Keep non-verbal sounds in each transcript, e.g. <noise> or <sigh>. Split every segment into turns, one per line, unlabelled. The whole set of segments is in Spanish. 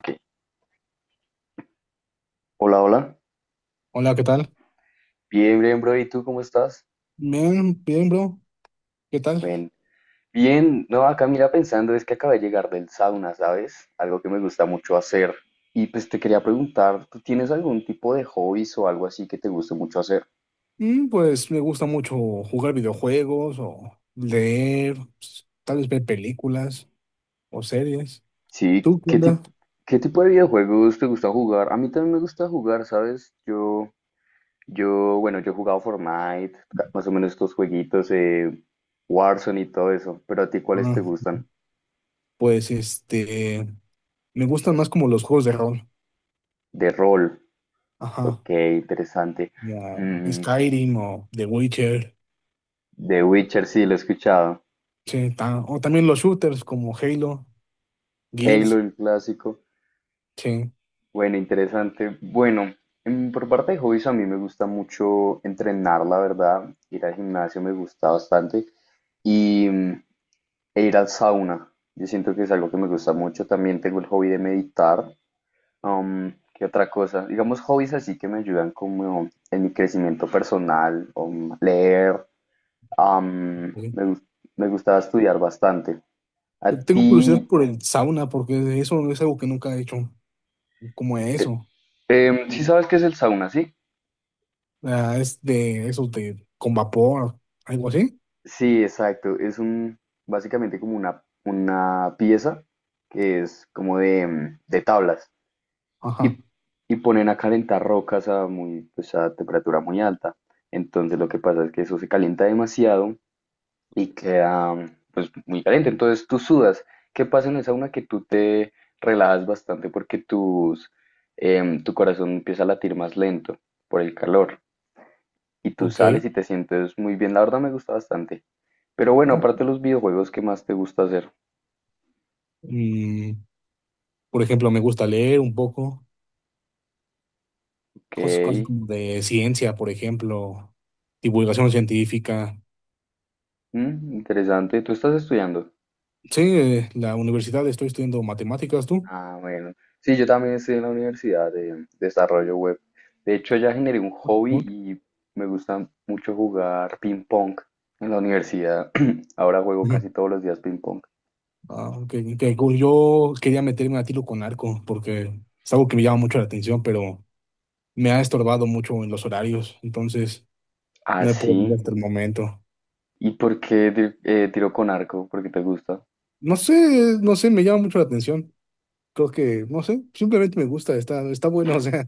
Ok. Hola, hola.
Hola, ¿qué tal?
Bien, bien, bro. ¿Y tú cómo estás?
Bien, bien, bro. ¿Qué tal?
Bien. Bien, no, acá mira pensando, es que acabé de llegar del sauna, ¿sabes? Algo que me gusta mucho hacer. Y pues te quería preguntar, ¿tú tienes algún tipo de hobbies o algo así que te guste mucho hacer?
Pues me gusta mucho jugar videojuegos o leer, tal vez ver películas o series.
Sí,
¿Tú qué
¿qué
onda?
tipo, qué tipo de videojuegos te gusta jugar? A mí también me gusta jugar, ¿sabes? Yo, bueno, yo he jugado Fortnite, más o menos estos jueguitos, Warzone y todo eso. Pero a ti, ¿cuáles
Ah,
te gustan?
pues me gustan más como los juegos de rol.
De rol.
Ajá.
Ok, interesante.
Como
Mm,
Skyrim o The Witcher.
The Witcher sí lo he escuchado.
Sí, o también los shooters como Halo,
Halo,
Gears.
el clásico.
Sí.
Bueno, interesante. Bueno, por parte de hobbies a mí me gusta mucho entrenar, la verdad. Ir al gimnasio me gusta bastante. Y e ir al sauna. Yo siento que es algo que me gusta mucho. También tengo el hobby de meditar. ¿Qué otra cosa? Digamos hobbies así que me ayudan como en mi crecimiento personal. Leer. am,
Sí.
me, gus- me gustaba estudiar bastante. ¿A
Tengo curiosidad
ti
por el sauna porque eso es algo que nunca he hecho, como eso.
Sí sabes qué es el sauna, ¿sí?
Ah, es de esos de con vapor, algo así.
Sí, exacto. Básicamente como una pieza que es como de, de tablas
Ajá,
Y, y ponen a calentar rocas a muy, pues a temperatura muy alta. Entonces lo que pasa es que eso se calienta demasiado y queda pues muy caliente. Entonces tú sudas. ¿Qué pasa en el sauna? Que tú te relajas bastante porque tu corazón empieza a latir más lento por el calor. Y tú sales
ok.
y te sientes muy bien. La verdad me gusta bastante. Pero bueno,
O-
aparte de los videojuegos, ¿qué más te gusta hacer?
mm, por ejemplo, me gusta leer un poco
Ok,
cosas como de ciencia, por ejemplo, divulgación científica.
interesante. ¿Tú estás estudiando?
Sí, la universidad estoy estudiando matemáticas, ¿tú?
Ah, bueno. Sí, yo también estoy en la universidad de desarrollo web. De hecho, ya generé un
Ah,
hobby
bueno.
y me gusta mucho jugar ping pong en la universidad. <clears throat> Ahora juego
Ujú.
casi todos los días ping pong.
Ah, ok, ok, cool. Yo quería meterme a tiro con arco porque es algo que me llama mucho la atención, pero me ha estorbado mucho en los horarios, entonces
Ah,
no he
sí.
podido hasta el momento.
¿Y por qué tiro con arco? ¿Por qué te gusta?
No sé, no sé, me llama mucho la atención. Creo que, no sé, simplemente me gusta, está, está bueno, <laughs> o sea,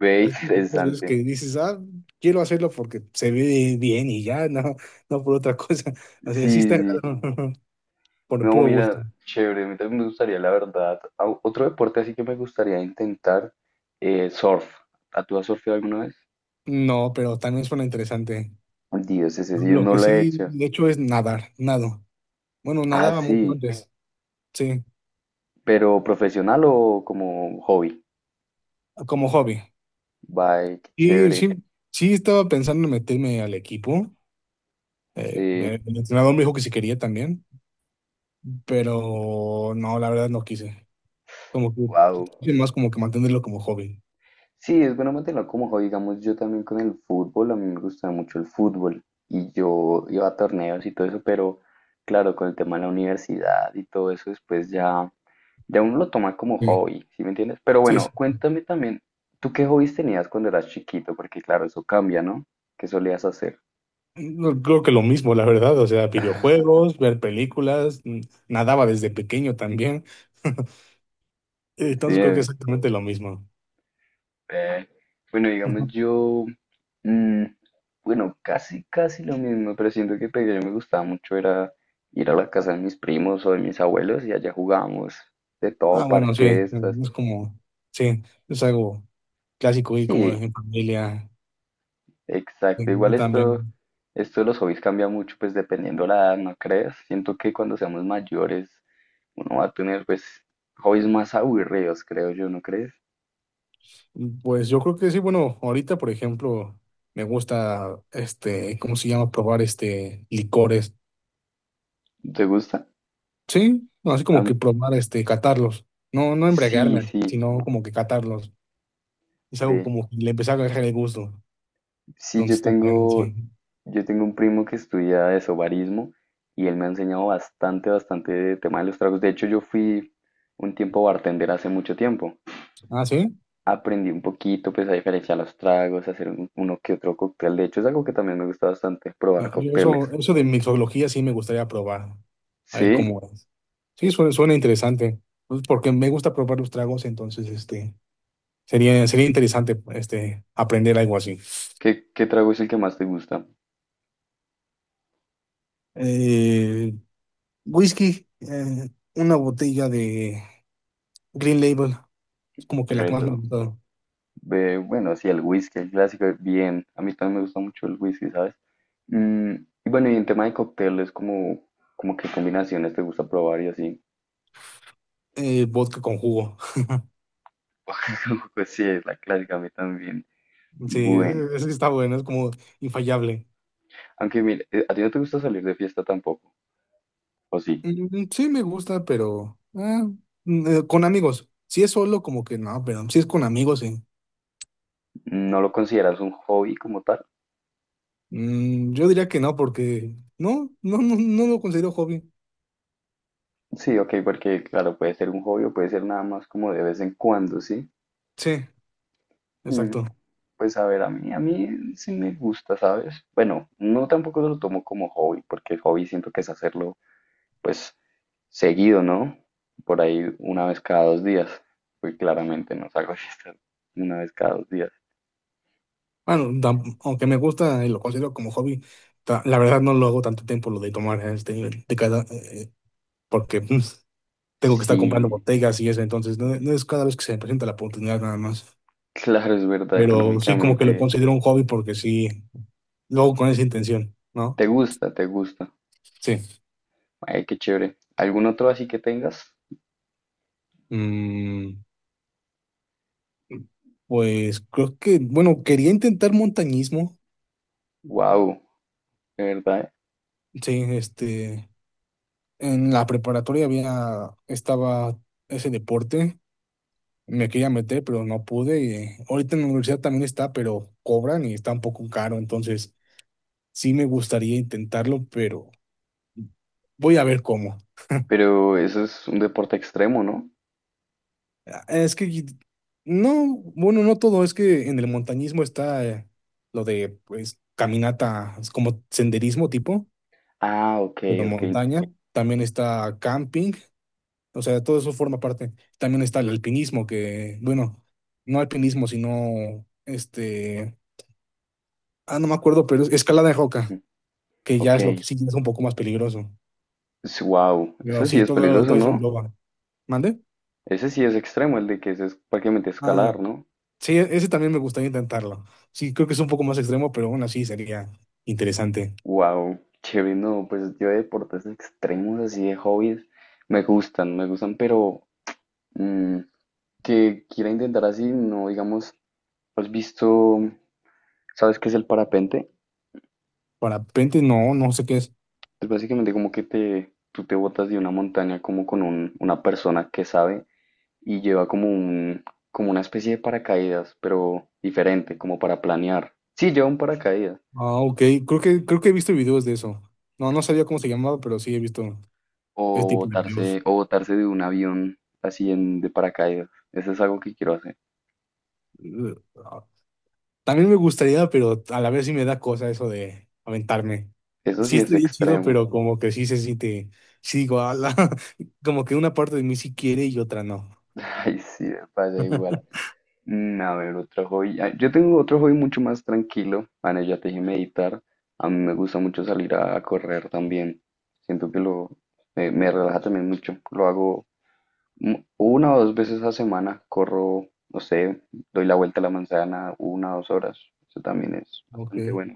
Ve, <laughs>
es como muchas veces
interesante.
que dices, ah, quiero hacerlo porque se ve bien y ya, no, no por otra <laughs> cosa,
Sí,
o sea, sí
sí,
está
sí.
<laughs> por el
No,
puro gusto.
mira, chévere, a mí también me gustaría, la verdad. Otro deporte así que me gustaría intentar, surf. ¿A tú has surfeado alguna vez?
No, pero también suena interesante.
Dios, ese sí
Lo
no
que
lo he
sí
hecho.
he hecho es nadar, nado. Bueno,
Ah,
nadaba
sí,
mucho antes, sí,
pero profesional o como hobby.
como hobby.
Bye, qué
Y
chévere.
sí, sí estaba pensando en meterme al equipo,
Sí,
el entrenador me dijo que si quería también, pero no, la verdad no quise. Como que,
wow.
es más como que mantenerlo como hobby.
Sí, es bueno mantenerlo como hobby. Digamos, yo también con el fútbol, a mí me gustaba mucho el fútbol y yo iba a torneos y todo eso, pero claro, con el tema de la universidad y todo eso, después ya, ya uno lo toma como
Sí,
hobby, ¿sí me entiendes? Pero
sí,
bueno,
sí.
cuéntame también, ¿tú qué hobbies tenías cuando eras chiquito? Porque claro, eso cambia, ¿no? ¿Qué solías hacer?
No, creo que lo mismo, la verdad. O sea,
<laughs>
videojuegos, ver películas, nadaba desde pequeño también. <laughs> Entonces creo que
Sí,
es exactamente lo mismo.
Eh, bueno, digamos
Ajá.
yo, mm, bueno, casi, casi lo mismo, pero siento que pequeño me gustaba mucho era ir a la casa de mis primos o de mis abuelos y allá jugábamos de
Ah,
todo,
bueno, sí,
parquestas.
es como, sí, es algo clásico y como
Sí,
en familia
exacto. Igual
eh,
esto,
también.
esto de los hobbies cambia mucho, pues dependiendo la edad, ¿no crees? Siento que cuando seamos mayores uno va a tener pues hobbies más aburridos, creo yo, ¿no crees?
Pues yo creo que sí, bueno, ahorita, por ejemplo, me gusta, ¿cómo se llama? Probar, licores.
¿Te gusta?
Sí, no, así
A
como que
mí-
probar, catarlos. No, no
sí,
embriagarme,
sí.
sino como que catarlos. Es algo
De
como que le empecé a agarrar el gusto.
Sí,
Entonces también, sí.
yo tengo un primo que estudia eso, barismo, y él me ha enseñado bastante, bastante de tema de los tragos. De hecho, yo fui un tiempo bartender hace mucho tiempo.
Ah, sí.
Aprendí un poquito, pues, a diferenciar los tragos, a hacer uno que otro cóctel. De hecho, es algo que también me gusta bastante, probar
Ah, yo
cócteles.
eso, eso de mixología sí me gustaría probar. A ver
¿Sí?
cómo es. Sí, suena, suena interesante. Pues porque me gusta probar los tragos, entonces sería, sería interesante aprender algo así.
¿Qué, qué trago es el que más te gusta?
Eh, whisky, una botella de Green Label, es como que la que
Red
más me ha
Bull.
gustado.
Ve, bueno, sí, el whisky, el clásico, bien. A mí también me gusta mucho el whisky, ¿sabes? Mm, y bueno, y en tema de cócteles, como, como qué combinaciones te gusta probar y así.
Vodka con jugo.
<laughs> Pues sí, es la clásica, a mí también.
Sí,
Bueno,
ese está bueno, es como infallable.
aunque mire, ¿a ti no te gusta salir de fiesta tampoco? ¿O sí?
Sí, me gusta, pero con amigos. Si es solo, como que no, pero si es con amigos, sí.
¿No lo consideras un hobby como tal?
Yo diría que no, porque no, no, no, no lo considero hobby.
Sí, ok, porque claro, puede ser un hobby o puede ser nada más como de vez en cuando, ¿sí?
Sí,
Mm,
exacto.
pues a ver, a mí sí me gusta, ¿sabes? Bueno, no tampoco lo tomo como hobby, porque el hobby siento que es hacerlo pues seguido, ¿no? Por ahí una vez cada dos días. Pues claramente no salgo de fiesta una vez cada dos días.
Bueno, aunque me gusta y lo considero como hobby, la verdad no lo hago tanto tiempo lo de tomar de cada, porque tengo que estar comprando
Sí,
botellas y eso, entonces no, no es cada vez que se me presenta la oportunidad nada más.
claro, es verdad,
Pero sí, como que lo
económicamente
considero un hobby porque sí. Luego con esa intención, ¿no?
te gusta, te gusta.
Sí.
Ay, qué chévere. ¿Algún otro así que tengas?
Mm, pues creo que, bueno, quería intentar montañismo.
Wow, de verdad. ¿Eh?
Sí, en la preparatoria había, estaba ese deporte. Me quería meter, pero no pude. Y ahorita en la universidad también está, pero cobran y está un poco caro. Entonces, sí me gustaría intentarlo, pero voy a ver cómo.
Pero eso es un deporte extremo, ¿no?
Ah, es que no, bueno, no todo, es que en el montañismo está lo de pues caminata, es como senderismo tipo,
Ah, ok,
pero
ok.
montaña, también está camping, o sea, todo eso forma parte. También está el alpinismo, que, bueno, no alpinismo, sino no me acuerdo, pero es escalada de roca,
Ujú.
que ya
Ok.
es lo que sí es un poco más peligroso.
Wow,
Pero
ese sí
sí,
es
todo,
peligroso,
todo eso
¿no?
engloba. ¿Mande?
Ese sí es extremo, el de que ese es prácticamente escalar, ¿no?
Sí, ese también me gustaría intentarlo. Sí, creo que es un poco más extremo, pero aún así sería interesante.
Wow, chévere, no, pues yo de deportes extremos, así de hobbies, me gustan, pero mm, que quiera intentar así, no, digamos, has visto, ¿sabes qué es el parapente?
Parapente, no, no sé qué es.
Es básicamente como que te, tú te botas de una montaña como con una persona que sabe y lleva como un, como una especie de paracaídas, pero diferente, como para planear. Sí, lleva un paracaídas,
Ah, ok, creo que he visto videos de eso. No, no sabía cómo se llamaba, pero sí he visto ese tipo de videos.
o botarse de un avión así en, de paracaídas, eso es algo que quiero hacer.
Eh, ah, También me gustaría, pero a la vez sí me da cosa eso de aventarme.
Eso
Sí,
sí es
estoy chido,
extremo.
pero como que sí se siente, sí digo, "Ala", <laughs> como que una parte de mí sí quiere y otra no.
<laughs> Ay, sí, me pasa igual. A ver, otro hobby. Ah, yo tengo otro hobby mucho más tranquilo. Bueno, ya te dije meditar. A mí me gusta mucho salir a correr también. Siento que lo me relaja también mucho. Lo hago una o dos veces a semana. Corro, no sé, doy la vuelta a la manzana una o dos horas. Eso también es
Ok.
bastante bueno.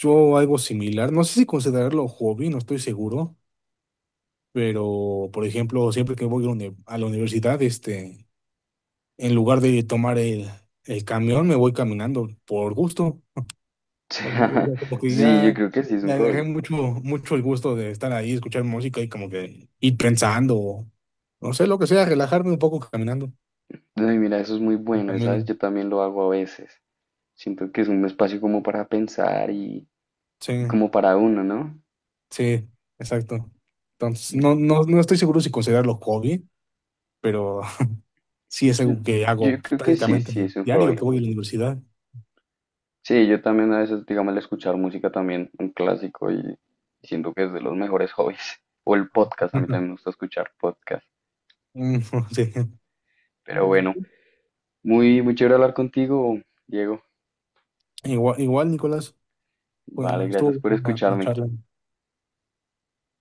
Yo algo similar, no sé si considerarlo hobby, no estoy seguro. Pero, por ejemplo, siempre que voy a la a la universidad, en lugar de tomar el camión, me voy caminando por gusto. O sea, como
<laughs>
que
Sí, yo
ya,
creo que sí es un
ya agarré
hobby.
mucho, mucho el gusto de estar ahí, escuchar música y como que ir pensando, o no sé, lo que sea, relajarme un poco caminando.
Ay, mira, eso es muy bueno, ¿sabes?
También,
Yo también lo hago a veces. Siento que es un espacio como para pensar
sí,
y como para uno, ¿no?
sí, exacto. Entonces, no, no, no estoy seguro si considerarlo hobby, pero <laughs> sí es
Yo,
algo que
yo
hago
creo que sí, sí
prácticamente
es un
diario
hobby.
que voy a la universidad.
Sí, yo también a veces, digamos, el escuchar música también, un clásico, y siento que es de los mejores hobbies. <laughs> O el podcast, a mí también me
<laughs>
gusta escuchar podcast.
Mm,
Pero bueno,
<laughs> Sí.
muy, muy chévere hablar contigo, Diego.
Igual, igual, Nicolás, pues
Vale, gracias
estuvo
por
buena la
escucharme.
charla.